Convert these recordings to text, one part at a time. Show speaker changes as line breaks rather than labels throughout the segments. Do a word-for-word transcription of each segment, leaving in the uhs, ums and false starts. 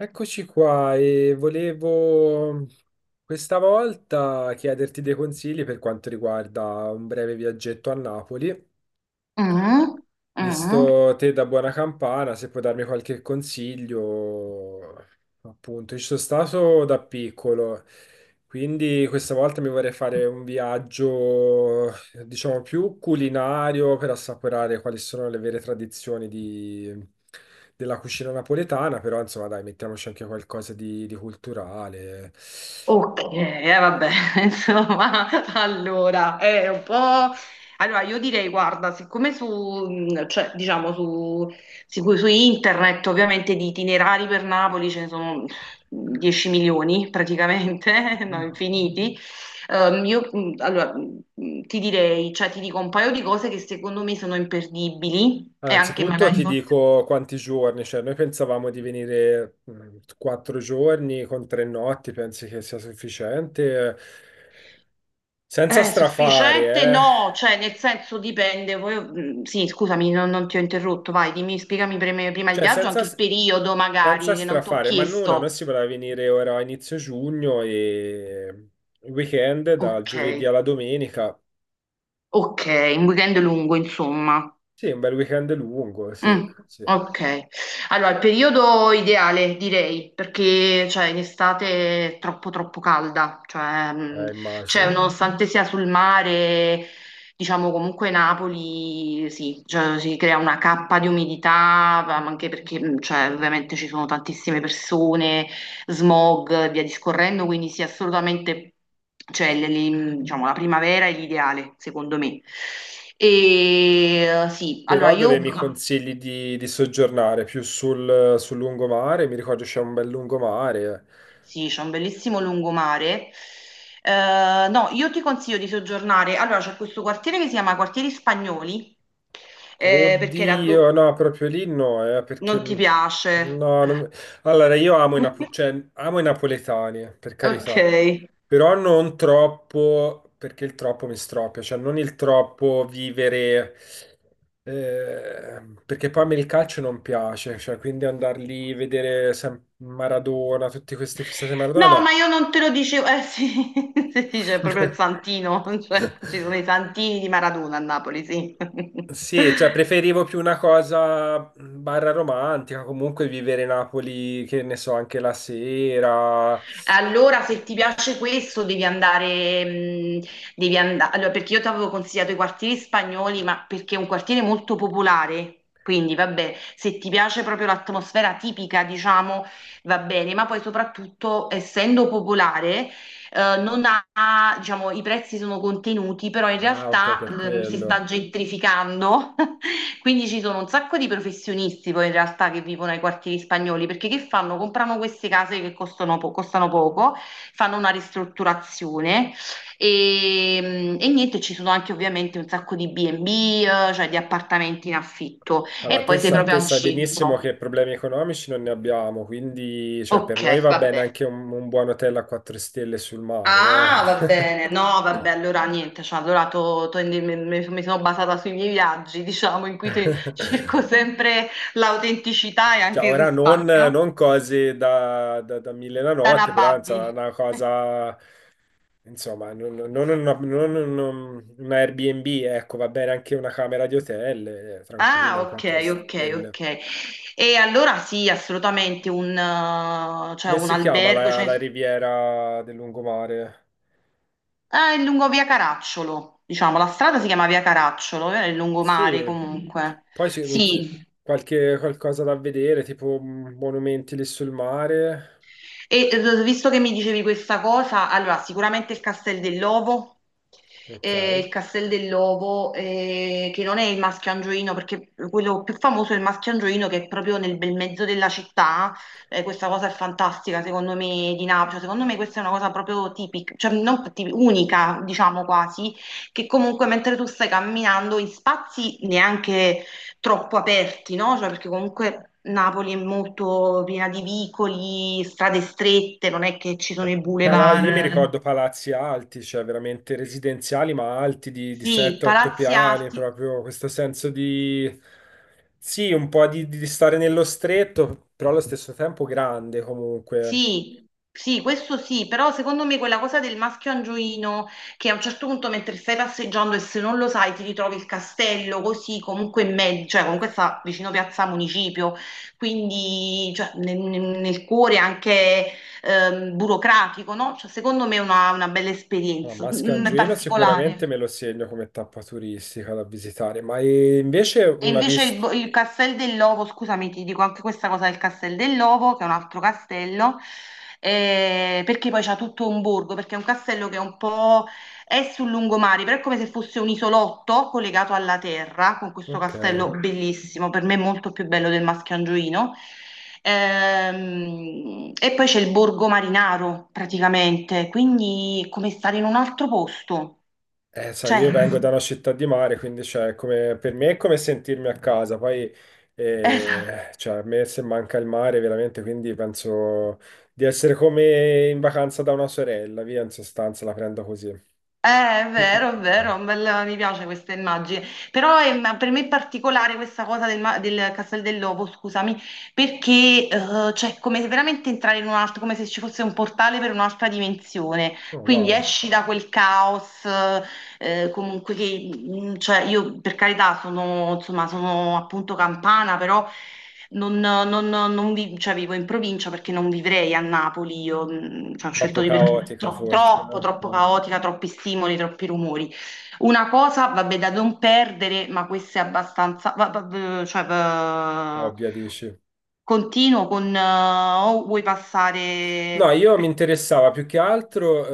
Eccoci qua e volevo questa volta chiederti dei consigli per quanto riguarda un breve viaggetto a Napoli.
Mm, mm.
Visto te da buona campana, se puoi darmi qualche consiglio, appunto, ci sono stato da piccolo quindi questa volta mi vorrei fare un viaggio, eh, diciamo, più culinario per assaporare quali sono le vere tradizioni di- della cucina napoletana, però insomma dai, mettiamoci anche qualcosa di, di culturale.
Ok, eh, vabbè, insomma, allora, è un po'... Allora, io direi, guarda, siccome su, mh, cioè, diciamo, su, sicu- su internet ovviamente di itinerari per Napoli ce ne sono dieci milioni praticamente, no, infiniti, ehm, io, mh, allora, mh, ti direi, cioè, ti dico un paio di cose che secondo me sono imperdibili e anche
Anzitutto
magari
ti
forse.
dico quanti giorni, cioè noi pensavamo di venire mh, quattro giorni con tre notti, pensi che sia sufficiente? Senza
Eh,
strafare,
sufficiente
eh?
no, cioè nel senso dipende. Voi- mm, sì, scusami, non, non ti ho interrotto. Vai, dimmi, spiegami prima, prima il
Cioè,
viaggio,
senza,
anche il periodo
senza
magari che non ti ho
strafare, ma nulla, noi
chiesto.
si vorrà venire ora a inizio giugno e il weekend dal
Ok,
giovedì alla domenica.
ok, un weekend lungo, insomma.
Sì, un bel weekend lungo, sì,
Mm,
sì,
ok, allora il periodo ideale direi perché cioè, in estate è troppo troppo calda, cioè, mm,
eh,
cioè,
immagino.
nonostante sia sul mare, diciamo comunque Napoli sì, cioè, si crea una cappa di umidità, ma anche perché mm, cioè, ovviamente ci sono tantissime persone, smog e via discorrendo, quindi sì assolutamente cioè, le- le- diciamo, la primavera è l'ideale secondo me. E eh, sì, allora
Però dove
io...
mi consigli di, di soggiornare? Più sul, sul lungomare? Mi ricordo c'è un bel lungomare, eh.
Sì, c'è un bellissimo lungomare. Eh, no, io ti consiglio di soggiornare. Allora, c'è questo quartiere che si chiama Quartieri Spagnoli, eh, perché era
Oddio,
do-
no, proprio lì no, eh, perché
non ti
no,
piace.
non- allora io amo i, napo- cioè, amo i napoletani, eh, per
Ok.
carità, però non troppo, perché il troppo mi stropia, cioè non il troppo vivere, eh, perché poi a me il calcio non piace, cioè quindi andar lì, vedere sem- Maradona, tutti questi fissati a Maradona,
No, ma
no.
io non te lo dicevo. Eh sì, sì, sì, c'è proprio il Santino, cioè, ci sono i Santini di Maradona a Napoli, sì.
Sì, cioè preferivo più una cosa mh, barra romantica, comunque vivere Napoli, che ne so, anche la sera.
Allora, se ti piace questo, devi andare, mh, devi andare, allora, perché io ti avevo consigliato i quartieri spagnoli, ma perché è un quartiere molto popolare, quindi vabbè, se ti piace proprio l'atmosfera tipica, diciamo, va bene, ma poi soprattutto, essendo popolare, eh, non ha, diciamo, i prezzi sono contenuti, però in
Ah, ok,
realtà
per
ehm, si
quello.
sta gentrificando, quindi ci sono un sacco di professionisti poi in realtà che vivono ai quartieri spagnoli, perché che fanno? Comprano queste case che costano, po- costano poco, fanno una ristrutturazione e, e niente, ci sono anche ovviamente un sacco di B and B, eh, cioè di appartamenti in affitto e
Allora, te,
poi sei
sa-
proprio
te
al
sai benissimo
centro.
che problemi economici non ne abbiamo, quindi cioè, per
Ok,
noi va bene
vabbè.
anche un, un buon hotel a quattro stelle sul mare,
Ah, va bene, no, vabbè, allora niente, cioè, allora to- to- mi, mi- mi sono basata sui miei viaggi, diciamo, in cui
eh.
te- cerco sempre l'autenticità e
Cioè,
anche il
ora non,
risparmio.
non cose da, da, da mille la
Dana
notte, però
Babbi.
insomma, una cosa. Insomma, non, non- non una, non un- un Airbnb, ecco, va bene anche una camera di hotel, eh, tranquillo,
Ah,
un
ok,
quattro
ok,
stelle.
ok. E allora sì, assolutamente un, eh, cioè,
Come
un
si chiama
albergo,
la,
cioè,
la riviera del lungomare?
ah, è lungo via Caracciolo, diciamo, la strada si chiama via Caracciolo, eh, è il lungomare
Sì,
comunque.
poi c'è non so,
Sì,
qualche, qualcosa da vedere, tipo mm, monumenti lì sul mare.
e eh, visto che mi dicevi questa cosa, allora sicuramente il Castel dell'Ovo,
Ok.
eh, il Castel dell'Ovo eh, che non è il Maschio Angioino, perché quello più famoso è il Maschio Angioino che è proprio nel bel mezzo della città. Eh, questa cosa è fantastica, secondo me, di Napoli. Cioè, secondo me questa è una cosa proprio tipica, cioè non tipica, unica, diciamo quasi, che comunque mentre tu stai camminando in spazi neanche troppo aperti, no? Cioè, perché comunque Napoli è molto piena di vicoli, strade strette, non è che ci sono i
Pala- io mi
boulevard. Mm.
ricordo palazzi alti, cioè veramente residenziali, ma alti di, di
Sì,
sette od otto
palazzi
piani,
alti,
proprio questo senso di... Sì, un po' di, di stare nello stretto, però allo stesso tempo grande comunque.
Sì, sì, questo sì, però secondo me quella cosa del maschio angioino che a un certo punto mentre stai passeggiando e se non lo sai ti ritrovi il castello così comunque in mezzo, cioè comunque sta vicino Piazza Municipio, quindi cioè, nel, nel- nel cuore anche ehm, burocratico, no? Cioè, secondo me è una, una bella
Ah,
esperienza,
Maschio
mm, mm,
Angioino sicuramente
particolare.
me lo segno come tappa turistica da visitare, ma eh, invece
E
una
invece il,
vista...
bo- il Castel dell'Ovo, scusami, ti dico anche questa cosa del Castel dell'Ovo, che è un altro castello, eh, perché poi c'ha tutto un borgo, perché è un castello che è un po' è sul lungomare, però è come se fosse un isolotto collegato alla terra, con questo
Ok.
castello bellissimo, per me molto più bello del Mascangioino. Ehm, e poi c'è il borgo Marinaro, praticamente, quindi è come stare in un altro posto,
Eh, sai,
cioè.
io vengo da una città di mare, quindi cioè, come, per me è come sentirmi a casa. Poi eh, cioè, a me se manca il mare veramente, quindi penso di essere come in vacanza da una sorella, via, in sostanza la prendo così.
Eh, è vero, è vero, un bel- mi piace questa immagine, però è- ma per me è particolare questa cosa del, ma- del Castel dell'Ovo, scusami, perché eh, cioè, come se veramente entrare in un altro, come se ci fosse un portale per un'altra dimensione,
Oh,
quindi
wow,
esci da quel caos, eh, comunque che, mm, cioè, io per carità sono, insomma, sono appunto campana, però non, non- non vi- cioè, vivo in provincia perché non vivrei a Napoli, io mh, cioè, ho scelto
troppo
di perché
caotica
tro-
forse,
troppo,
eh?
troppo
No,
caotica, troppi stimoli, troppi rumori. Una cosa, vabbè, da non perdere, ma questa è abbastanza, va- va- cioè, va-
ovvia, dici.
continuo con, eh, o vuoi
No,
passare...
io mi interessava più che altro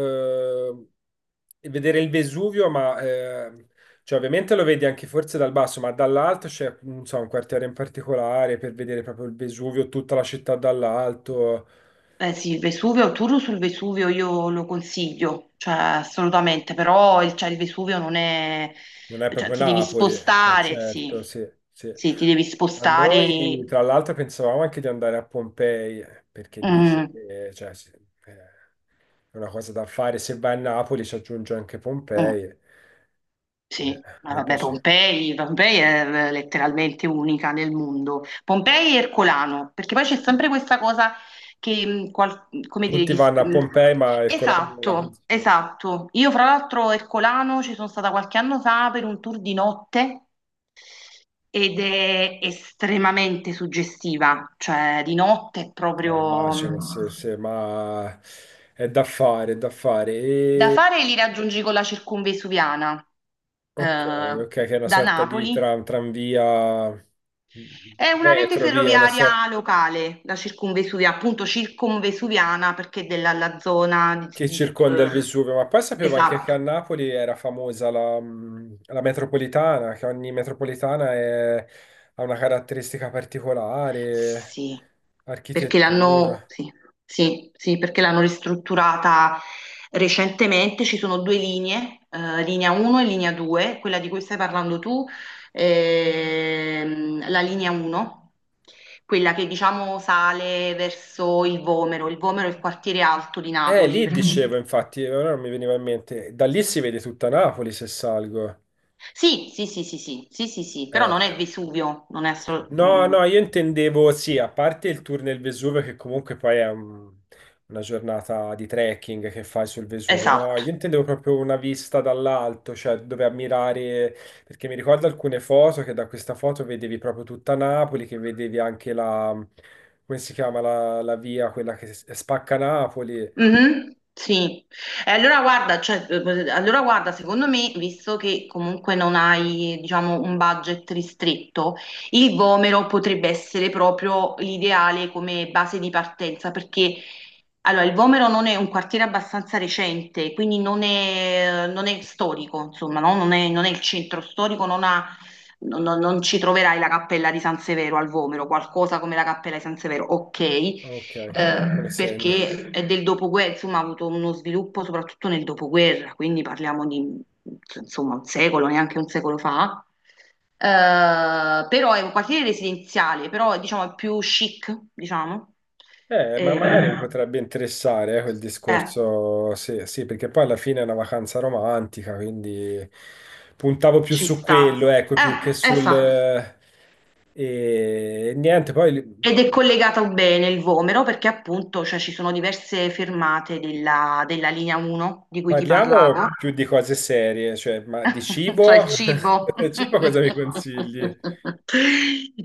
eh, vedere il Vesuvio, ma eh, cioè, ovviamente lo vedi anche forse dal basso, ma dall'alto c'è non so, un quartiere in particolare per vedere proprio il Vesuvio, tutta la città dall'alto.
Eh sì, il Vesuvio, il tour sul Vesuvio io lo consiglio, cioè assolutamente, però il, cioè, il Vesuvio non è,
Non è
cioè
proprio
ti devi
Napoli, è
spostare,
certo,
sì,
sì, sì.
sì, ti devi
A
spostare.
noi, tra l'altro, pensavamo anche di andare a Pompei, perché dice
Mm,
che cioè, sì, eh, è una cosa da fare. Se vai a Napoli ci aggiunge anche
mm.
Pompei. Eh,
Sì,
a
ma
me
vabbè,
piace.
Pompei, Pompei è eh, letteralmente unica nel mondo. Pompei e Ercolano, perché poi c'è sempre questa cosa che, mh, qual- come dire,
Tutti
gli... s-
vanno a
mh,
Pompei, ma il Colano non la
esatto,
consiglio.
esatto. Io fra l'altro a Ercolano ci sono stata qualche anno fa per un tour di notte ed è estremamente suggestiva, cioè di notte è
Eh,
proprio...
immagino,
mh,
sì, sì, ma è da fare, è da fare.
da
E...
fare li raggiungi con la circumvesuviana eh,
Ok, ok, che è una
da
sorta di
Napoli.
tram, tranvia,
È una rete
metro, via, una sorta
ferroviaria locale, la circumvesuviana, appunto circumvesuviana perché della la zona
che
di, di-
circonda il
eh,
Vesuvio. Ma poi sapevo anche che a
esatto,
Napoli era famosa la, mh, la metropolitana, che ogni metropolitana è- ha una caratteristica particolare,
sì, perché l'hanno
architettura.
sì, sì, sì, perché l'hanno ristrutturata recentemente, ci sono due linee, eh, linea uno e linea due, quella di cui stai parlando tu, ehm, la linea uno, quella che diciamo sale verso il Vomero, il Vomero è il quartiere alto di
Eh,
Napoli,
lì
perché mhm.
dicevo, infatti, ora non mi veniva in mente. Da lì si vede tutta Napoli se salgo.
Sì, sì, sì, sì, sì, sì, sì, sì, però non
Eh.
è Vesuvio, non è
No, no,
assolutamente...
io intendevo, sì, a parte il tour nel Vesuvio, che comunque poi è un- una giornata di trekking che fai sul Vesuvio. No,
Esatto,
io intendevo proprio una vista dall'alto, cioè dove ammirare, perché mi ricordo alcune foto che da questa foto vedevi proprio tutta Napoli, che vedevi anche la, come si chiama, la, la via, quella che s- spacca Napoli.
mhm, sì, e allora guarda, cioè, eh, allora guarda, secondo me, visto che comunque non hai, diciamo, un budget ristretto, il Vomero potrebbe essere proprio l'ideale come base di partenza, perché allora, il Vomero non è un quartiere abbastanza recente, quindi non è, non è storico, insomma, no? Non è, non è il centro storico, non ha, non non- non ci troverai la cappella di San Severo al Vomero, qualcosa come la cappella di San Severo, ok
Ok, me lo
eh,
segno.
perché è del dopoguerra, insomma, ha avuto uno sviluppo soprattutto nel dopoguerra, quindi parliamo di insomma un secolo, neanche un secolo fa. Eh, però è un quartiere residenziale, però diciamo è più chic, diciamo.
Eh, ma
Eh,
magari mi
eh,
potrebbe interessare, eh, quel
eh,
discorso, sì, sì, perché poi alla fine è una vacanza romantica, quindi puntavo più
ci
su
sta.
quello, ecco, più che
Eh, eh,
sul...
fa.
eh, e niente, poi li-
Ed è collegato bene il Vomero perché appunto cioè, ci sono diverse fermate della, della linea uno di cui ti parlavo.
parliamo più di cose serie, cioè, ma di
Cioè
cibo?
il cibo.
Cibo cosa mi consigli?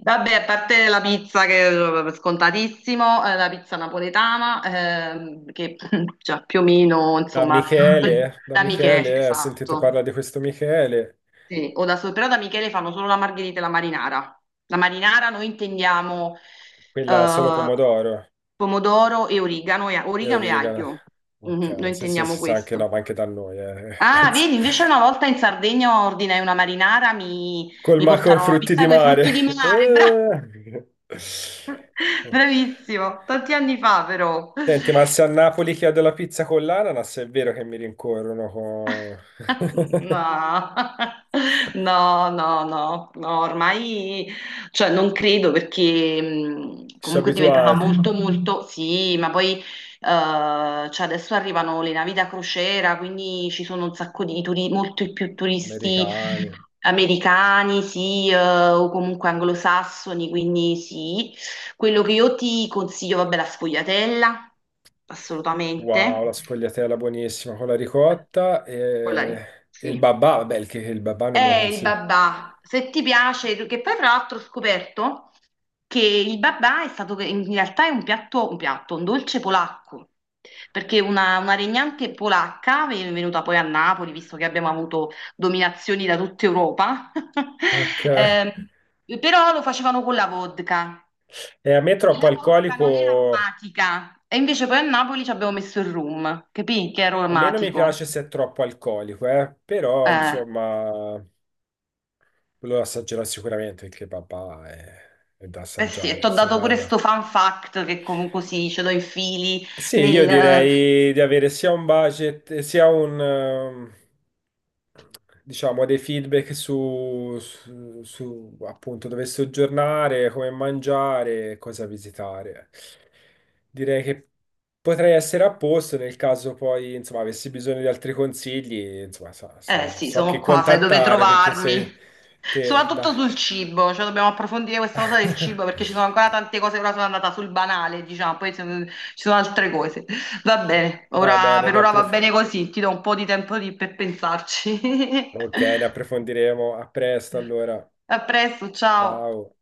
Vabbè, a parte la pizza che è scontatissimo, eh, la pizza napoletana, ehm, che già più o meno,
Da
insomma, que-
Michele, da
da Michele,
Michele, ho sentito
esatto.
parlare di questo Michele,
Sì, o da, so- però da Michele fanno solo la margherita e la marinara. La marinara noi intendiamo
quella solo
eh,
pomodoro
pomodoro e origano, e,
e
origano e
origano.
aglio. Mhm,
Ok,
noi
sì, sì,
intendiamo
sì, sì, anche no,
questo.
ma anche da noi, eh,
Ah,
penso.
vedi, invece una volta in Sardegna ordinai una marinara, mi,
Col
mi
maco
portarono una
frutti
pizza
di
con i
mare.
frutti di mare, bra-
Eh.
bravissimo, tanti anni fa però.
Senti, ma se a Napoli chiedo la pizza con l'ananas, è vero che mi rincorrono con...
No, no, no, no, no, ormai, cioè non credo perché mh,
Ci sono
comunque diventava
abituati.
molto, molto, sì, ma poi eh, cioè adesso arrivano le navi da crociera, quindi ci sono un sacco di turisti, molto più turisti
Americani.
americani, sì, eh, o comunque anglosassoni, quindi sì. Quello che io ti consiglio, vabbè, la sfogliatella,
Wow, la
assolutamente.
sfogliatella buonissima con la ricotta
Quella
e,
lì,
e il
sì.
babà. Vabbè, il, che- il babà
È
non me lo
il
consiglio.
babà. Se ti piace, tu- che poi tra l'altro ho scoperto che il babà è stato, in realtà è un piatto, un piatto, un dolce polacco, perché una, una regnante polacca, ven- venuta poi a Napoli, visto che abbiamo avuto dominazioni da tutta Europa,
Ok.
ehm, però lo facevano con la vodka.
E a me
E
troppo
la vodka non era
alcolico...
aromatica, e invece poi a Napoli ci abbiamo messo il rum, capì? Che era
A me non mi
aromatico.
piace se è troppo alcolico, eh. Però,
Eh.
insomma... Quello lo assaggerò sicuramente perché papà è, è da
Eh sì, e ti
assaggiare
ho
se
dato
vai
pure
là.
sto fun fact che comunque sì, ce l'ho in fili
Sì, io
nel...
direi di avere sia un budget, eh, sia un, ehm, diciamo, dei feedback su, su- su, appunto dove soggiornare, come mangiare, cosa visitare. Direi che potrei essere a posto nel caso poi, insomma, avessi bisogno di altri consigli, insomma, so,
Eh
so
sì,
so
sono
che
qua, sai dove
contattare perché
trovarmi.
se te da...
Soprattutto sul cibo, cioè dobbiamo approfondire questa cosa del cibo perché ci sono ancora tante cose, ora sono andata sul banale, diciamo, poi se- ci sono altre cose. Va bene,
Va
ora,
bene,
per
ne
ora va
approf-
bene così, ti do un po' di tempo di- per pensarci.
ok, ne approfondiremo. A presto allora.
A presto, ciao.
Ciao.